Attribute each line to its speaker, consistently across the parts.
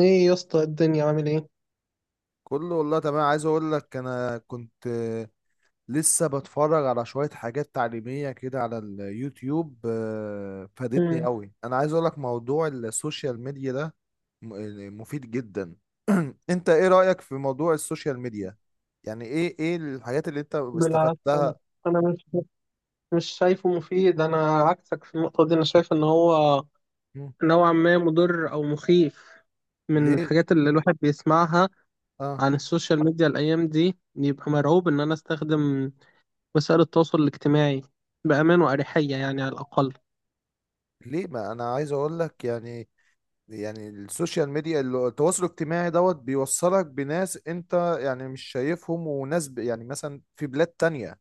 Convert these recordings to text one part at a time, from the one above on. Speaker 1: ايه يا اسطى، الدنيا عامل ايه؟
Speaker 2: كله والله تمام، عايز اقول لك انا كنت لسه بتفرج على شوية حاجات تعليمية كده على اليوتيوب، فادتني
Speaker 1: مم.
Speaker 2: قوي. انا عايز اقول لك موضوع السوشيال ميديا ده مفيد جدا. انت ايه رأيك في موضوع السوشيال ميديا؟ يعني ايه الحاجات اللي انت
Speaker 1: بالعكس،
Speaker 2: استفدتها؟
Speaker 1: انا مش شايفه مفيد. انا عكسك في النقطه دي. انا شايف ان هو
Speaker 2: مم.
Speaker 1: نوعا ما مضر او مخيف. من
Speaker 2: ليه؟
Speaker 1: الحاجات اللي الواحد بيسمعها
Speaker 2: اه،
Speaker 1: عن السوشيال ميديا الايام دي، يبقى مرعوب ان انا استخدم وسائل التواصل الاجتماعي بامان واريحيه يعني على الاقل.
Speaker 2: ليه؟ ما انا عايز اقول لك يعني، يعني السوشيال ميديا التواصل الاجتماعي دوت بيوصلك بناس انت يعني مش شايفهم وناس يعني مثلا في بلاد تانية.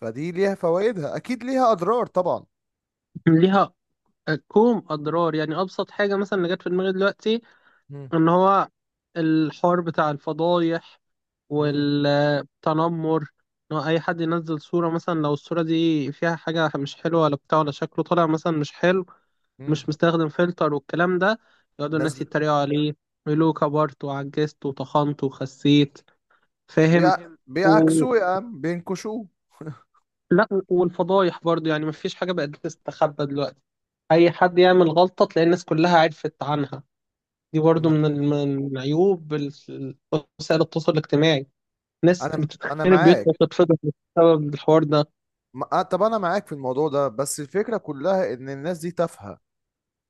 Speaker 2: فدي ليها فوائدها، اكيد ليها اضرار طبعا.
Speaker 1: ليها كوم اضرار. يعني ابسط حاجه مثلا اللي جت في دماغي دلوقتي،
Speaker 2: مم.
Speaker 1: ان هو الحوار بتاع الفضايح.
Speaker 2: مم.
Speaker 1: تنمر. إن هو أي حد ينزل صورة مثلا، لو الصورة دي فيها حاجة مش حلوة ولا بتاع، ولا شكله طالع مثلا مش حلو،
Speaker 2: مم.
Speaker 1: مش مستخدم فلتر والكلام ده، يقعدوا
Speaker 2: ناس
Speaker 1: الناس يتريقوا عليه ويقولوا كبرت وعجزت وطخنت وخسيت، فاهم.
Speaker 2: بيع...
Speaker 1: و...
Speaker 2: بيعكسوه يا عم، بينكشوه.
Speaker 1: لا، والفضايح برضو، يعني مفيش حاجة بقت تستخبى دلوقتي. أي حد يعمل غلطة تلاقي الناس كلها عرفت عنها. دي برضو
Speaker 2: ما-
Speaker 1: من عيوب وسائل التواصل الاجتماعي. ناس
Speaker 2: انا
Speaker 1: بتتخرب
Speaker 2: انا
Speaker 1: بيوتها
Speaker 2: معاك.
Speaker 1: وتتفضح بسبب الحوار ده.
Speaker 2: ما... آه، طب انا معاك في الموضوع ده، بس الفكرة كلها ان الناس دي تافهة.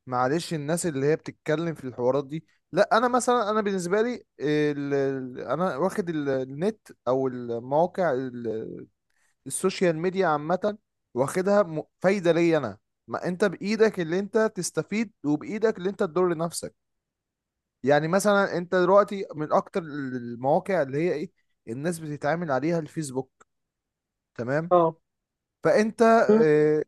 Speaker 2: معلش، الناس اللي هي بتتكلم في الحوارات دي. لا، انا مثلا انا بالنسبه لي انا واخد النت او المواقع السوشيال ميديا عامه، واخدها فايده ليا انا. ما انت بايدك اللي انت تستفيد وبايدك اللي انت تضر نفسك. يعني مثلا انت دلوقتي من اكتر المواقع اللي هي ايه الناس بتتعامل عليها الفيسبوك، تمام.
Speaker 1: اه،
Speaker 2: فانت آه،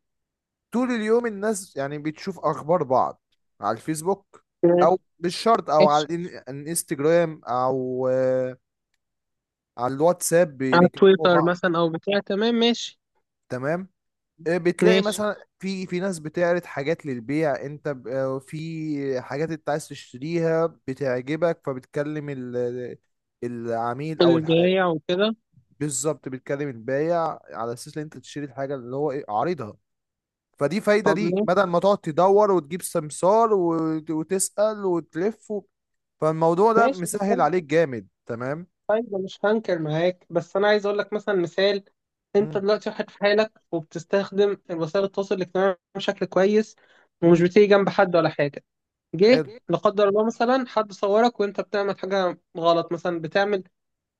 Speaker 2: طول اليوم الناس يعني بتشوف اخبار بعض على الفيسبوك،
Speaker 1: ماشي،
Speaker 2: او مش شرط، او على
Speaker 1: ماشي.
Speaker 2: الانستجرام، او على الواتساب
Speaker 1: على
Speaker 2: بيكلموا
Speaker 1: تويتر
Speaker 2: بعض،
Speaker 1: مثلا او بتاع، تمام، ماشي،
Speaker 2: تمام. بتلاقي
Speaker 1: ماشي.
Speaker 2: مثلا في ناس بتعرض حاجات للبيع، انت في حاجات انت عايز تشتريها بتعجبك فبتكلم العميل او
Speaker 1: البياع وكده.
Speaker 2: بالظبط بتكلم البايع على اساس ان انت تشتري الحاجه اللي هو ايه عارضها. فدي فايدة
Speaker 1: طب
Speaker 2: ليك،
Speaker 1: ماشي.
Speaker 2: بدل ما تقعد تدور وتجيب سمسار وتسأل وتلف فالموضوع ده
Speaker 1: ماشي بتاع.
Speaker 2: مسهل عليك جامد، تمام.
Speaker 1: طيب أنا مش هنكر معاك، بس انا عايز اقول لك مثلا مثال. انت
Speaker 2: مم.
Speaker 1: دلوقتي واحد في حالك، وبتستخدم وسائل التواصل الاجتماعي بشكل كويس، ومش
Speaker 2: مم.
Speaker 1: بتيجي جنب حد ولا حاجه. جه
Speaker 2: حلو.
Speaker 1: لا قدر الله مثلا حد صورك وانت بتعمل حاجه غلط. مثلا بتعمل،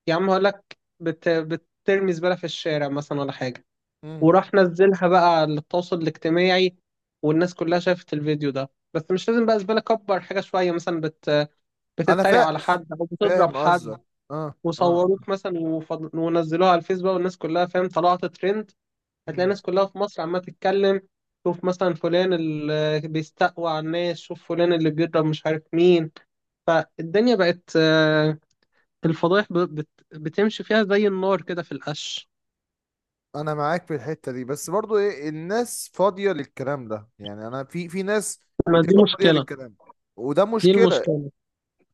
Speaker 1: يا عم هقول لك، بترمي زباله في الشارع مثلا ولا حاجه،
Speaker 2: مم.
Speaker 1: وراح نزلها بقى على التواصل الاجتماعي، والناس كلها شافت الفيديو ده. بس مش لازم بقى زبالة، كبر حاجة شوية مثلا،
Speaker 2: انا
Speaker 1: بتتريق على حد أو بتضرب
Speaker 2: فاهم
Speaker 1: حد،
Speaker 2: قصدك، اه اه.
Speaker 1: وصوروك مثلا، ونزلوها على الفيس بقى، والناس كلها، فاهم، طلعت ترند. هتلاقي
Speaker 2: مم.
Speaker 1: الناس كلها في مصر عمالة تتكلم، شوف مثلا فلان اللي بيستقوى على الناس، شوف فلان اللي بيضرب مش عارف مين. فالدنيا بقت الفضايح بتمشي فيها زي النار كده في القش.
Speaker 2: انا معاك في الحتة دي، بس برضو ايه، الناس فاضية للكلام ده يعني. انا في ناس
Speaker 1: ما دي
Speaker 2: بتبقى فاضية
Speaker 1: مشكلة.
Speaker 2: للكلام، وده
Speaker 1: دي
Speaker 2: مشكلة.
Speaker 1: المشكلة.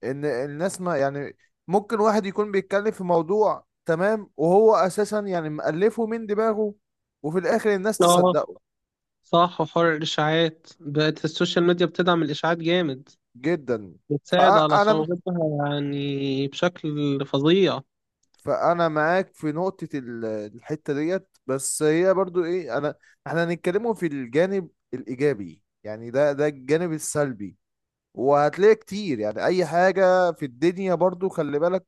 Speaker 2: ان الناس ما يعني، ممكن واحد يكون بيتكلم في موضوع تمام وهو اساسا يعني مألفه من دماغه، وفي الاخر الناس
Speaker 1: اه
Speaker 2: تصدقه.
Speaker 1: صح، وحوار الإشاعات، بقت السوشيال ميديا بتدعم الإشاعات جامد،
Speaker 2: جدا.
Speaker 1: بتساعد على
Speaker 2: فانا
Speaker 1: صعوبتها يعني بشكل فظيع.
Speaker 2: فانا معاك في نقطة الحتة ديت، بس هي برضو ايه. انا احنا هنتكلموا في الجانب الايجابي، يعني ده الجانب السلبي، وهتلاقي كتير. يعني اي حاجة في الدنيا برضو خلي بالك،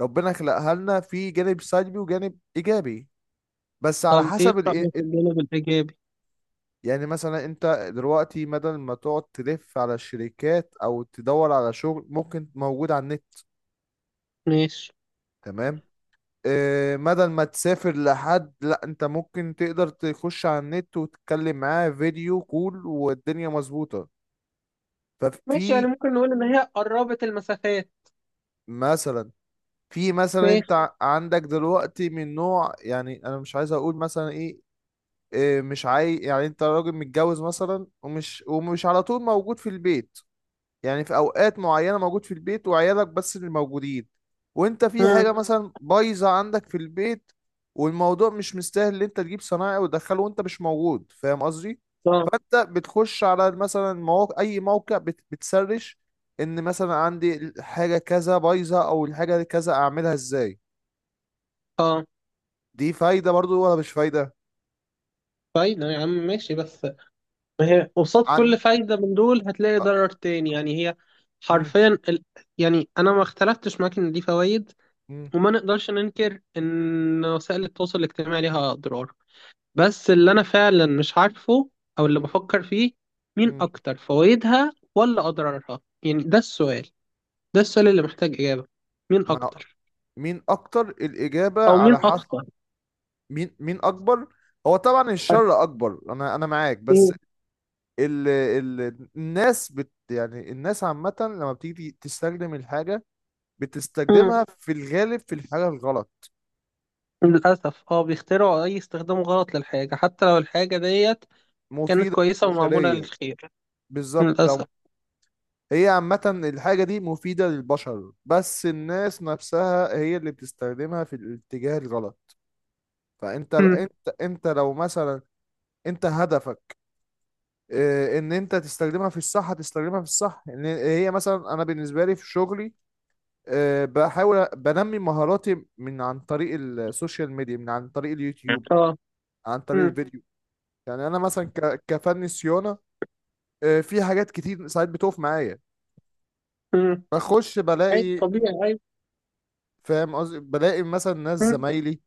Speaker 2: ربنا خلقها لنا في جانب سلبي وجانب ايجابي، بس على
Speaker 1: طب إيه في
Speaker 2: حسب.
Speaker 1: رأيك الجانب الإيجابي؟
Speaker 2: يعني مثلا انت دلوقتي بدل ما تقعد تلف على الشركات او تدور على شغل، ممكن موجود على النت،
Speaker 1: ماشي.
Speaker 2: تمام. اه بدل ما تسافر لحد، لا انت ممكن تقدر تخش على النت وتتكلم معاه فيديو كول والدنيا مظبوطة.
Speaker 1: ماشي، يعني
Speaker 2: ففي
Speaker 1: ممكن نقول إن هي قربت المسافات.
Speaker 2: مثلا في مثلا
Speaker 1: ماشي.
Speaker 2: انت عندك دلوقتي من نوع، يعني انا مش عايز اقول مثلا ايه، اه مش عاي يعني انت راجل متجوز مثلا، ومش على طول موجود في البيت، يعني في اوقات معينه موجود في البيت وعيالك بس اللي موجودين، وانت في
Speaker 1: مم.
Speaker 2: حاجه مثلا بايظه عندك في البيت والموضوع مش مستاهل ان انت تجيب صنايعي وتدخله وانت مش موجود، فاهم قصدي.
Speaker 1: اه،
Speaker 2: فانت بتخش على مثلا مواقع، اي موقع بتسرش ان مثلا عندي حاجه كذا بايظه، او الحاجه كذا اعملها ازاي.
Speaker 1: اه.
Speaker 2: دي فايده برضو ولا مش فايده؟
Speaker 1: فايدة يا عم، ماشي، بس ما هي قصاد
Speaker 2: عن
Speaker 1: كل فايدة من دول هتلاقي
Speaker 2: أ-
Speaker 1: ضرر تاني. يعني هي
Speaker 2: مم،
Speaker 1: حرفيا يعني أنا ما اختلفتش معاك إن دي فوائد،
Speaker 2: مم،
Speaker 1: وما نقدرش ننكر إن وسائل التواصل الاجتماعي ليها أضرار، بس اللي انا فعلا مش عارفه، او اللي
Speaker 2: مم،
Speaker 1: بفكر فيه، مين
Speaker 2: مم.
Speaker 1: اكتر، فوائدها ولا اضرارها؟ يعني ده السؤال. ده السؤال اللي محتاج اجابة، مين
Speaker 2: مع
Speaker 1: اكتر،
Speaker 2: مين اكتر؟ الاجابه
Speaker 1: او مين
Speaker 2: على حسب.
Speaker 1: اخطر.
Speaker 2: مين اكبر. هو طبعا الشر اكبر، انا معاك، بس
Speaker 1: أكيد.
Speaker 2: ال الناس يعني الناس عامه لما بتيجي تستخدم الحاجه
Speaker 1: مم.
Speaker 2: بتستخدمها في الغالب في الحاجه الغلط.
Speaker 1: للاسف، اه، بيخترعوا اي استخدام غلط للحاجة، حتى لو الحاجة ديت كانت
Speaker 2: مفيده
Speaker 1: كويسة ومعمولة
Speaker 2: للبشريه،
Speaker 1: للخير.
Speaker 2: بالظبط. أو
Speaker 1: للاسف.
Speaker 2: هي عامه الحاجه دي مفيده للبشر، بس الناس نفسها هي اللي بتستخدمها في الاتجاه الغلط. فانت
Speaker 1: مم.
Speaker 2: انت انت لو مثلا انت هدفك ان انت تستخدمها في الصح هتستخدمها في الصح. ان هي مثلا انا بالنسبه لي في شغلي، بحاول بنمي مهاراتي من عن طريق السوشيال ميديا، من عن طريق اليوتيوب،
Speaker 1: اه.
Speaker 2: عن طريق
Speaker 1: مم.
Speaker 2: الفيديو. يعني انا مثلا كفني صيانه، في حاجات كتير ساعات بتقف معايا،
Speaker 1: مم.
Speaker 2: بخش
Speaker 1: عايز،
Speaker 2: بلاقي،
Speaker 1: طبيعي، عايز.
Speaker 2: فاهم قصدي، بلاقي مثلا ناس
Speaker 1: مم.
Speaker 2: زمايلي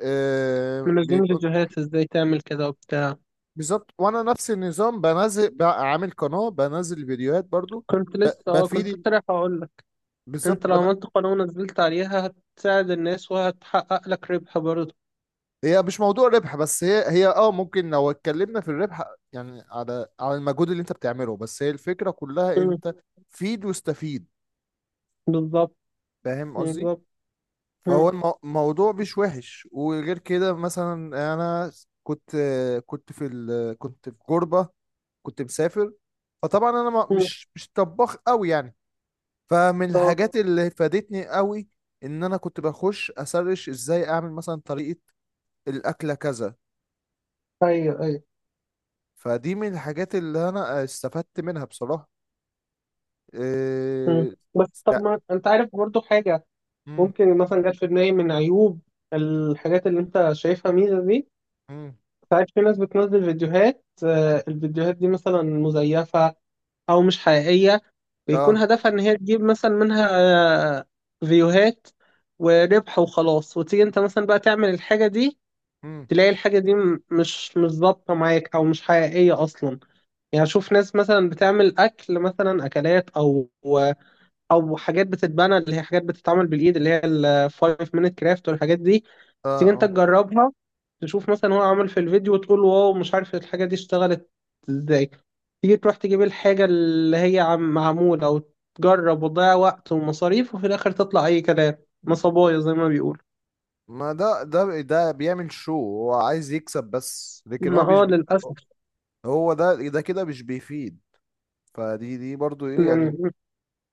Speaker 1: منزلين
Speaker 2: بيبقوا
Speaker 1: فيديوهات ازاي تعمل كده وبتاع.
Speaker 2: بالظبط. وانا نفس النظام بنزل بقى، عامل قناه بنزل فيديوهات برضو، ب-
Speaker 1: كنت لسه
Speaker 2: بفيد،
Speaker 1: رايح اقول،
Speaker 2: بالظبط.
Speaker 1: انت لو عملت قناة ونزلت عليها، هتساعد الناس وهتحقق لك ربح برضه.
Speaker 2: هي مش موضوع ربح بس، هي ممكن لو اتكلمنا في الربح يعني، على المجهود اللي انت بتعمله، بس هي الفكرة كلها
Speaker 1: مم.
Speaker 2: انت فيد واستفيد،
Speaker 1: بالظبط.
Speaker 2: فاهم قصدي.
Speaker 1: بالظبط.
Speaker 2: فهو
Speaker 1: مم.
Speaker 2: الموضوع مش وحش. وغير كده مثلا، انا كنت كنت في غربة، كنت مسافر. فطبعا انا
Speaker 1: مم.
Speaker 2: مش طباخ قوي يعني، فمن
Speaker 1: اه،
Speaker 2: الحاجات اللي فادتني قوي ان انا كنت بخش اسرش ازاي اعمل مثلا طريقة الاكلة كذا.
Speaker 1: ايوه، ايوه.
Speaker 2: فدي من الحاجات اللي انا استفدت منها بصراحة.
Speaker 1: مم.
Speaker 2: إيه...
Speaker 1: بس طب
Speaker 2: است-
Speaker 1: ما انت عارف برضه حاجة،
Speaker 2: مم،
Speaker 1: ممكن مثلا جت في دماغي، من عيوب الحاجات اللي انت شايفها ميزة دي،
Speaker 2: مم،
Speaker 1: ساعات في ناس بتنزل فيديوهات، الفيديوهات دي مثلا مزيفة او مش حقيقية. بيكون
Speaker 2: اه،
Speaker 1: هدفها ان هي تجيب مثلا منها آه، فيوهات وربح وخلاص، وتيجي انت مثلا بقى تعمل الحاجة دي،
Speaker 2: مم،
Speaker 1: تلاقي الحاجة دي مش ظابطة معاك، أو مش حقيقية أصلا. يعني أشوف ناس مثلا بتعمل أكل، مثلا أكلات، أو أو حاجات بتتبنى، اللي هي حاجات بتتعمل بالإيد، اللي هي ال 5 minute craft والحاجات دي.
Speaker 2: اه
Speaker 1: تيجي أنت
Speaker 2: اه.
Speaker 1: تجربها، تشوف مثلا هو عمل في الفيديو، وتقول واو مش عارف الحاجة دي اشتغلت إزاي. تيجي تروح تجيب الحاجة اللي هي عم معمولة، وتجرب، وتضيع وقت ومصاريف، وفي الآخر تطلع أي كلام، نصبايا زي ما بيقول.
Speaker 2: ما ده ده بيعمل، شو هو عايز يكسب بس، لكن
Speaker 1: ما،
Speaker 2: هو مش
Speaker 1: للأسف.
Speaker 2: هو ده كده مش بيفيد. فدي برضو ايه
Speaker 1: يعني
Speaker 2: يعني،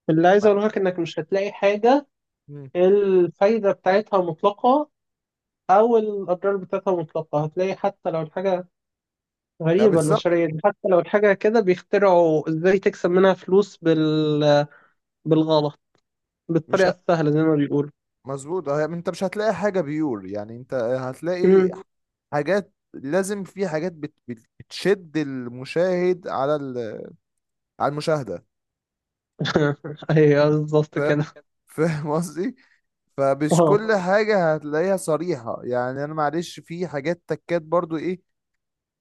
Speaker 1: اللي عايز
Speaker 2: ما-
Speaker 1: اقوله لك، انك مش هتلاقي حاجة
Speaker 2: مم.
Speaker 1: الفايدة بتاعتها مطلقة، او الاضرار بتاعتها مطلقة. هتلاقي حتى لو الحاجة
Speaker 2: لا
Speaker 1: غريبة، البشرية
Speaker 2: بالظبط.
Speaker 1: دي حتى لو الحاجة كده بيخترعوا ازاي تكسب منها فلوس بالغلط،
Speaker 2: مش
Speaker 1: بالطريقة
Speaker 2: ه...
Speaker 1: السهلة زي ما بيقولوا.
Speaker 2: مظبوط. اه، يعني انت مش هتلاقي حاجة بيور، يعني انت هتلاقي
Speaker 1: مم.
Speaker 2: حاجات. لازم في حاجات بتشد المشاهد على المشاهدة.
Speaker 1: ايوه
Speaker 2: ف...
Speaker 1: بالظبط كده.
Speaker 2: فاهم قصدي. فمش
Speaker 1: اه.
Speaker 2: كل حاجة هتلاقيها صريحة يعني. أنا معلش في حاجات تكات برضو إيه،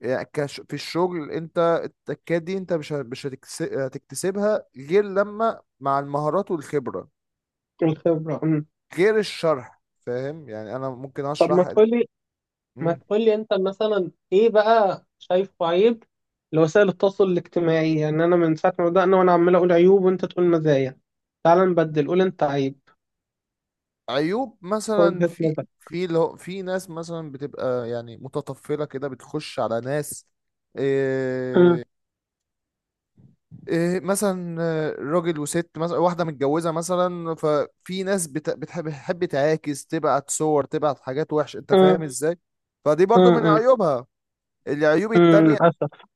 Speaker 2: يعني كش في الشغل، أنت التكات دي أنت مش ه- مش هتكس- هتكتسبها غير لما مع المهارات والخبرة،
Speaker 1: الخبرة. مم.
Speaker 2: غير الشرح، فاهم. يعني أنا ممكن
Speaker 1: طب
Speaker 2: أشرح
Speaker 1: ما
Speaker 2: مم.
Speaker 1: تقول لي انت مثلا ايه بقى شايفه عيب لوسائل التواصل الاجتماعي. يعني انا من ساعه ما بدأنا وانا عمال اقول عيوب، وانت تقول مزايا. تعال نبدل، قول انت عيب،
Speaker 2: عيوب مثلا
Speaker 1: وجهة
Speaker 2: في
Speaker 1: نظر.
Speaker 2: في اللي هو- في ناس مثلا بتبقى يعني متطفلة كده، بتخش على ناس
Speaker 1: أمم.
Speaker 2: آه، إيه مثلا، راجل وست مثلا واحدة متجوزة مثلا، ففي ناس بتحب تعاكس، تبعت صور، تبعت حاجات وحشة، انت فاهم
Speaker 1: أمم.
Speaker 2: ازاي. فدي برضو من
Speaker 1: أمم.
Speaker 2: عيوبها. العيوب
Speaker 1: أمم.
Speaker 2: التانية
Speaker 1: للأسف.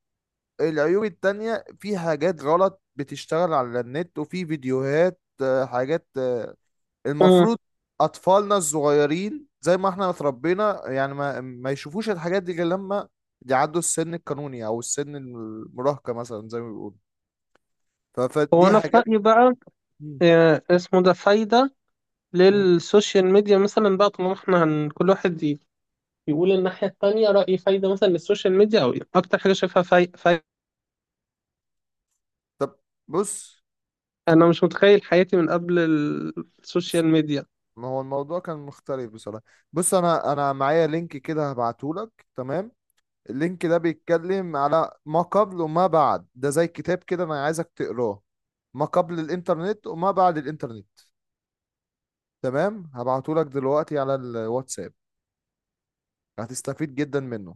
Speaker 2: مم. العيوب التانية في حاجات غلط بتشتغل على النت، وفي فيديوهات حاجات
Speaker 1: أمم.
Speaker 2: المفروض أطفالنا الصغيرين زي ما احنا اتربينا يعني ما يشوفوش الحاجات دي غير لما يعدوا السن القانوني أو السن المراهقة مثلا زي ما بيقولوا.
Speaker 1: هو
Speaker 2: فدي
Speaker 1: أنا في
Speaker 2: حاجات.
Speaker 1: رأيي بقى، اسمه ده فايدة
Speaker 2: مم.
Speaker 1: للسوشيال ميديا مثلا بقى، طالما احنا كل واحد يقول الناحية التانية رأيي. فايدة مثلا للسوشيال ميديا، أو إيه أكتر حاجة شايفها فايدة؟
Speaker 2: طب، بص،
Speaker 1: أنا مش متخيل حياتي من قبل السوشيال ميديا.
Speaker 2: ما هو الموضوع كان مختلف بصراحة. بص انا معايا لينك كده هبعتهولك، تمام. اللينك ده بيتكلم على ما قبل وما بعد، ده زي كتاب كده، انا عايزك تقراه. ما قبل الانترنت وما بعد الانترنت، تمام، هبعتهولك دلوقتي على الواتساب، هتستفيد جدا منه.